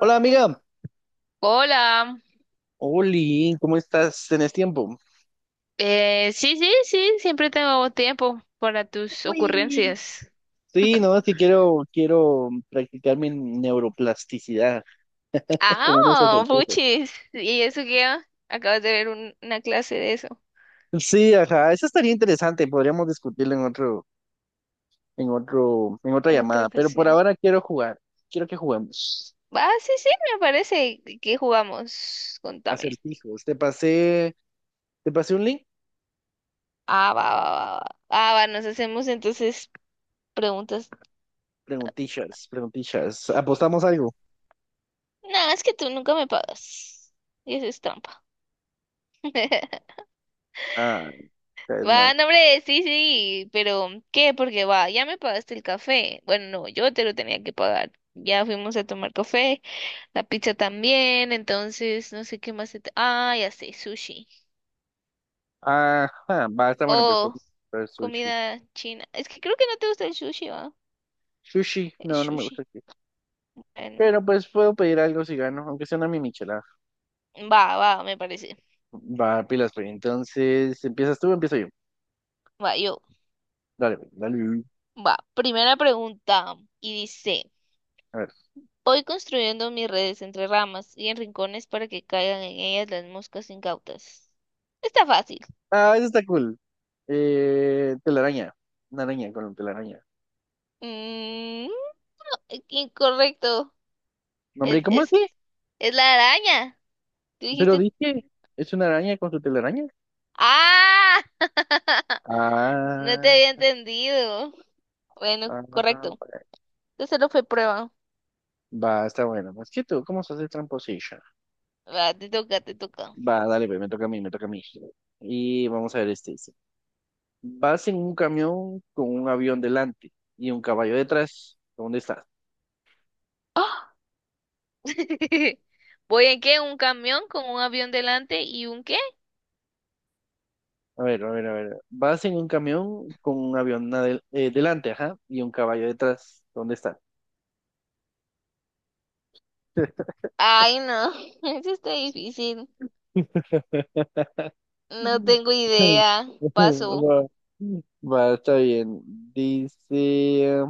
Hola, amiga, Hola, Oli, ¿cómo estás? ¿Tenés tiempo? Sí, sí, sí, siempre tengo tiempo para tus Uy, ocurrencias. Sí, no, es que quiero practicar mi neuroplasticidad Ah, como unos oh, ejercicios. puchis. ¿Y eso qué? Acabas de ver una clase de eso Sí, ajá, eso estaría interesante, podríamos discutirlo en otra en otra llamada, pero por ocasión. ahora quiero jugar, quiero que juguemos. Ah, sí, sí, me parece. ¿Qué jugamos? Contame. Acertijos, te pasé un link, Ah, va, va, va, va. Ah, va, nos hacemos entonces preguntas. Preguntillas, apostamos algo. No, es que tú nunca me pagas. Y eso es trampa. Ah, es Va, mal. no, hombre, sí, sí, pero ¿qué? Porque va, ya me pagaste el café. Bueno, no, yo te lo tenía que pagar. Ya fuimos a tomar café, la pizza también, entonces no sé qué más. Ah, ya sé, sushi. Ajá, basta, bueno, pues, pues Oh, pues, sushi. comida china. Es que creo que no te gusta el sushi, va. Sushi, El no, no me gusta. sushi. Bueno, Pero pues puedo pedir algo si gano, aunque sea una mi michelada. va, va, me parece. Va, pilas, pues. Entonces, ¿empiezas tú o empiezo yo? Va, yo. Dale, pues, dale. Va, primera pregunta. Y dice, A ver. voy construyendo mis redes entre ramas y en rincones para que caigan en ellas las moscas incautas. Está fácil. Ah, eso está cool. Telaraña. Una araña con telaraña. Mm, Incorrecto. No, hombre, Es, ¿cómo es, así? es la araña. Tú Pero dijiste. dije, ¿es una araña con su telaraña? ¡Ah! No te Ah, había entendido. Bueno, ah, correcto. Entonces no fue prueba. va, está bueno. Pues que tú, ¿cómo se hace, tramposillo? Va, te toca, te toca. Va, dale, pues, me toca a mí. Y vamos a ver este. Dice, vas en un camión con un avión delante y un caballo detrás. ¿Dónde estás? ¡Ah! ¿Voy en qué? ¿Un camión con un avión delante y un qué? A ver, a ver, a ver. Vas en un camión con un avión delante, ajá, y un caballo detrás. ¿Dónde está? Ay, no. Eso está difícil. No tengo idea. Paso. Va, va, está bien. Dice,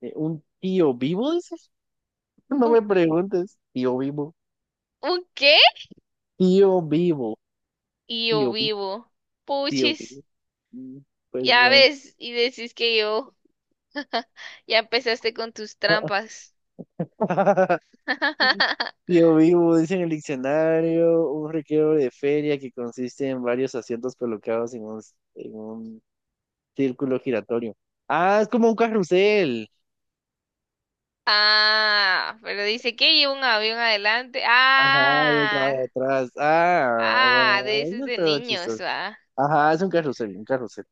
¿un tío vivo, dices? No ¿Un, me preguntes. Tío vivo. un qué? Tío vivo. Y yo Tío vivo. vivo. Tío Puchis. vivo. Mm, Pues Ya bueno. ves, y decís que yo. Ya empezaste con tus trampas. Yo vivo, dice en el diccionario, un recreo de feria que consiste en varios asientos colocados en un círculo giratorio. Ah, es como un carrusel. Ah, pero dice que lleva un avión adelante. Ajá, yo acá de Ah, atrás. Ah, ah, de bueno, esos eso es de todo niños, chistoso. va. Ajá, es un carrusel, un carrusel.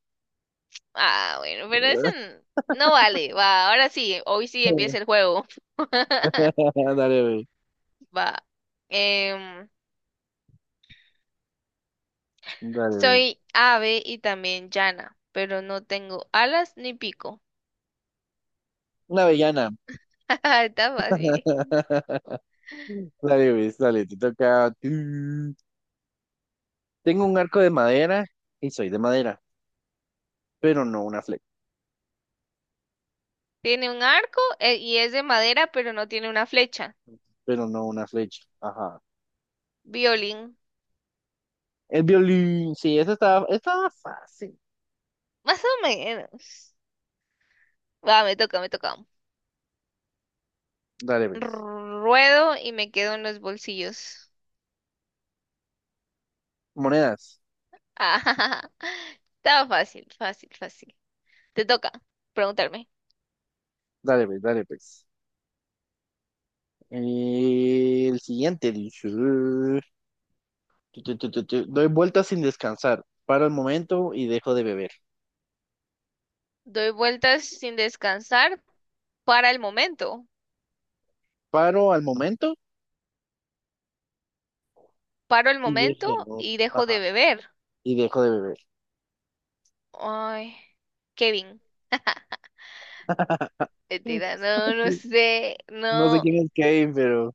Ah, bueno, pero eso no vale, va. Ahora sí, hoy sí empieza el juego. Dale, güey. Va. Em, Dale, güey. Soy ave y también llana, pero no tengo alas ni pico. Una avellana. Está fácil. Dale, güey, dale, te toca. Tengo un arco de madera y soy de madera, pero no una flecha. Tiene un arco y es de madera, pero no tiene una flecha. Pero no una flecha. Ajá. Violín. El violín, sí, esta estaba fácil. Más o menos. Va, me toca, me toca. Dale, pues. Ruedo y me quedo en los bolsillos. Monedas. Ah, estaba fácil, fácil, fácil. Te toca preguntarme. Dale, pues, dale, pues. El siguiente dice, doy vueltas sin descansar. Paro al momento y dejo de beber. Doy vueltas sin descansar para el momento. Paro al momento Paro el y dejo momento de beber. y dejo de Ajá, beber. y dejo de beber. Ay, Kevin. Mentira, no, no sé, No sé no. quién es Kane, pero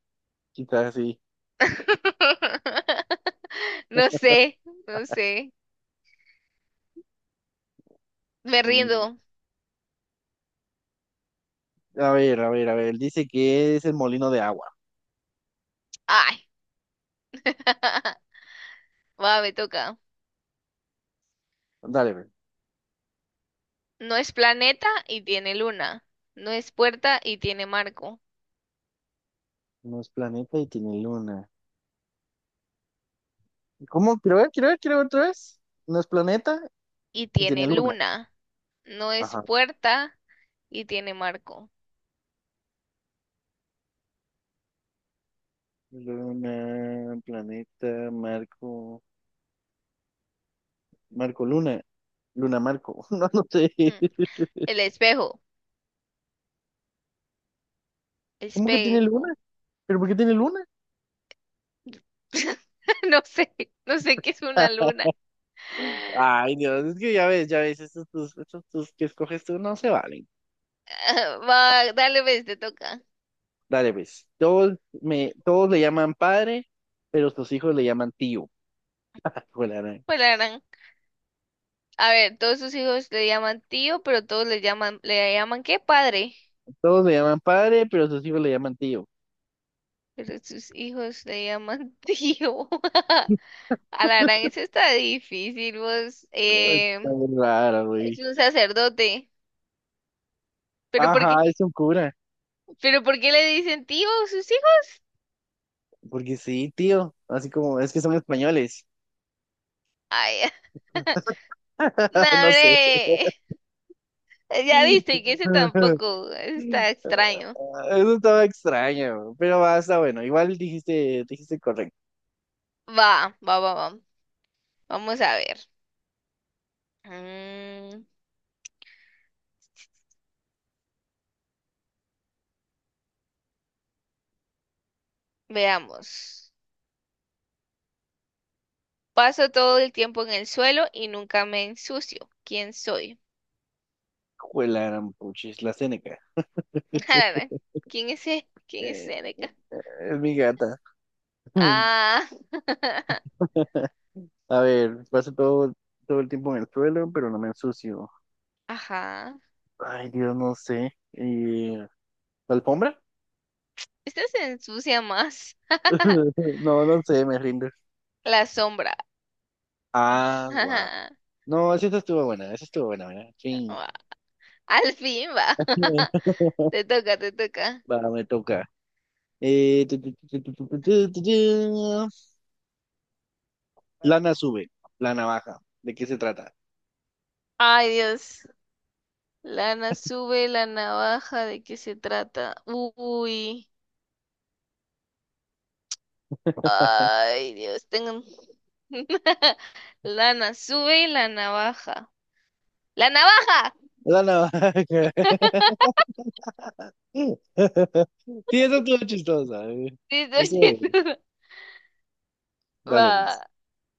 quizás sí. No sé, no sé. Me Mm, rindo. A ver, a ver, a ver. Dice que es el molino de agua. Ay. Va, me toca. Dale, ve. No es planeta y tiene luna. No es puerta y tiene marco. No es planeta y tiene luna. ¿Cómo? Quiero ver, quiero ver, quiero ver otra vez. No es planeta Y y tiene tiene luna. luna. No es Ajá. puerta y tiene marco. Luna, planeta, Marco, Marco Luna. Luna Marco. No, no sé. Hmm. El espejo. ¿Cómo que tiene luna? Espejo. ¿Pero por qué tiene luna? No sé, no sé qué es una luna. Ay, Dios, es que ya ves, estos tus que escoges tú no se valen. Ah, Ah, va, dale, ves, te toca. Dale, pues. Todos le llaman padre, pero sus hijos le llaman tío. Hijo de la gran- Pues la gran. A ver, todos sus hijos le llaman tío, pero todos ¿le llaman qué? Padre. Todos le llaman padre, pero sus hijos le llaman tío. Pero sus hijos le llaman tío. A la gran, eso está difícil, vos. Ay, está muy rara, güey. Es un sacerdote. ¿Pero por Ajá, qué? es un cura. ¿Pero por qué le dicen tío a sus hijos? Porque sí, tío. Así como, es que son españoles. Ay, no, No sé. hombre. Ya viste que ese tampoco ese Eso está extraño. estaba extraño, pero va, está bueno. Igual dijiste, dijiste correcto. Va, va, va, va. Vamos a ver. Mm, Veamos. Paso todo el tiempo en el suelo y nunca me ensucio. ¿Quién soy? Juela, gran puchis, la Seneca. A la gran, ¿quién es ese? ¿Quién es Eh, ese? eh, es mi gata. Ah, A ver, todo el tiempo en el suelo, pero no me ensucio. ajá. Ay, Dios, no sé. ¿Y la alfombra? Esta se ensucia más. No, no sé, me rindo. La sombra. Ah, wow. No, esa estuvo buena, esa estuvo buena, ¿verdad? Sí. Ua, al fin va. Te toca, te toca. Va, me toca. Tu, tu, tu, tu, tu, tu, tu, tu, tu. Lana sube, la navaja. ¿De qué se trata? Ay, Dios. Lana sube la navaja. ¿De qué se trata? Uy. Ay, Dios. Tengo. Lana sube la navaja. ¡La navaja! La navaja. Sí, eso estuvo chistosa. Sí, Eso, eh, dale, pues. Va.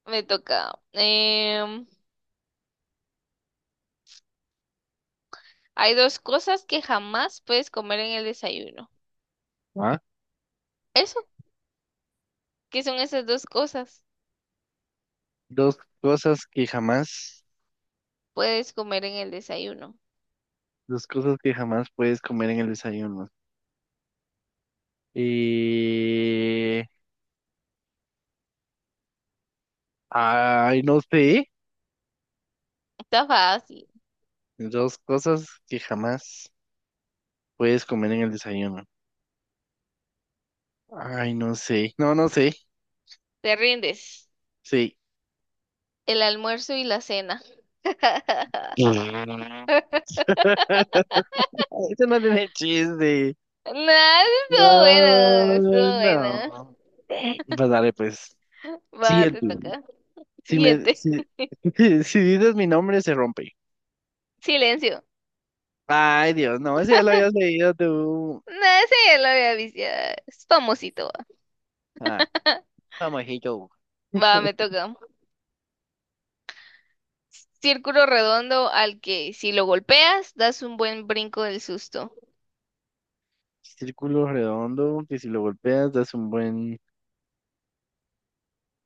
Me toca. Hay dos cosas que jamás puedes comer en el desayuno. Ah, Eso, ¿qué son esas dos cosas? Dos cosas que jamás, Puedes comer en el desayuno. dos cosas que jamás puedes comer en el desayuno. Eh, ay, no sé. Está fácil. Dos cosas que jamás puedes comer en el desayuno. Ay, no sé. No, no sé. Te rindes. Sí. El almuerzo y la cena. Eso no tiene chiste. No, estuvo bueno, No, estuvo bueno. no. Pues dale, pues. Sí, Va, el te tuyo. toca. Si me, Siguiente. si, si dices mi nombre, se rompe. Silencio. Ay, Dios, no, ese ya lo habías leído tú. No, ese ya lo había visto. Ya es famosito. Va, Ah, famosito. va, me toca. Círculo redondo al que si lo golpeas das un buen brinco del susto. Círculo redondo, que si lo golpeas das un buen...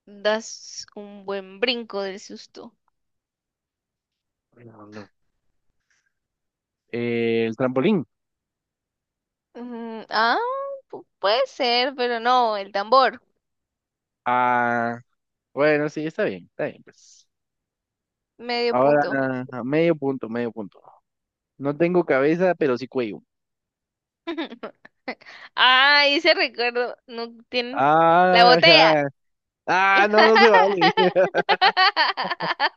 Das un buen brinco del susto. redondo. El trampolín. Ah, puede ser, pero no, el tambor, Ah, bueno, sí, está bien, pues. medio Ahora, punto. medio punto, medio punto. No tengo cabeza, pero sí cuello. Ah, ese recuerdo, no tiene la Ah, botella. ya. Ah, no, no se vale.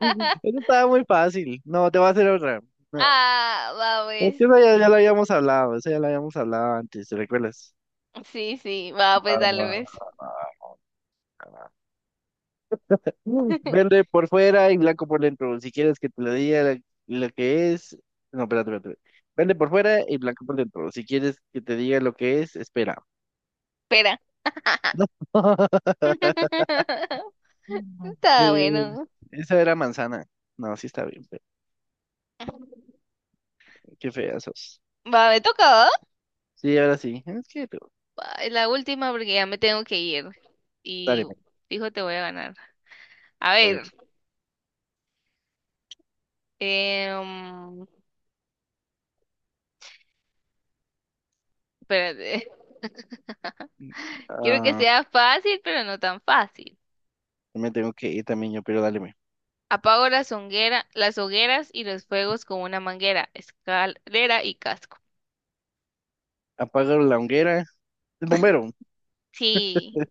Eso estaba muy fácil. No, te voy a hacer otra. No, Ah, va es pues. que ya lo habíamos hablado, esa ya la habíamos hablado antes, ¿te recuerdas? Sí, sí, va Va, pues, dale va, pues. va, va. Verde por fuera y blanco por dentro. Si quieres que te lo diga la- lo que es. No, espérate. Verde por fuera y blanco por dentro. Si quieres que te diga lo que es, espera. Espera. No. Mm. Está Eh, bueno. esa era manzana. No, sí está bien. Pero qué fea sos. Va, me toca, ¿va? Sí, ahora sí. Es que tú. Va, es la última porque ya me tengo que ir. Dale, Y men, dijo te voy a ganar. A dale. ver, Men. em, espérate. Quiero que Ah, sea fácil, pero no tan fácil. yo me tengo que ir también yo, pero dale. Men. Apago las hogueras y los fuegos con una manguera, escalera y casco. Apaga la hoguera. El bombero. Sí,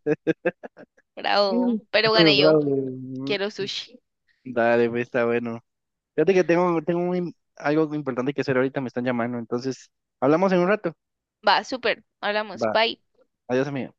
Mm. bravo. Pero gané yo. Bravo. Quiero sushi. Dale, pues, está bueno. Fíjate que tengo un algo importante que hacer ahorita, me están llamando. Entonces, hablamos en un rato. Va, súper. Hablamos. Va. Bye. Adiós, amigo.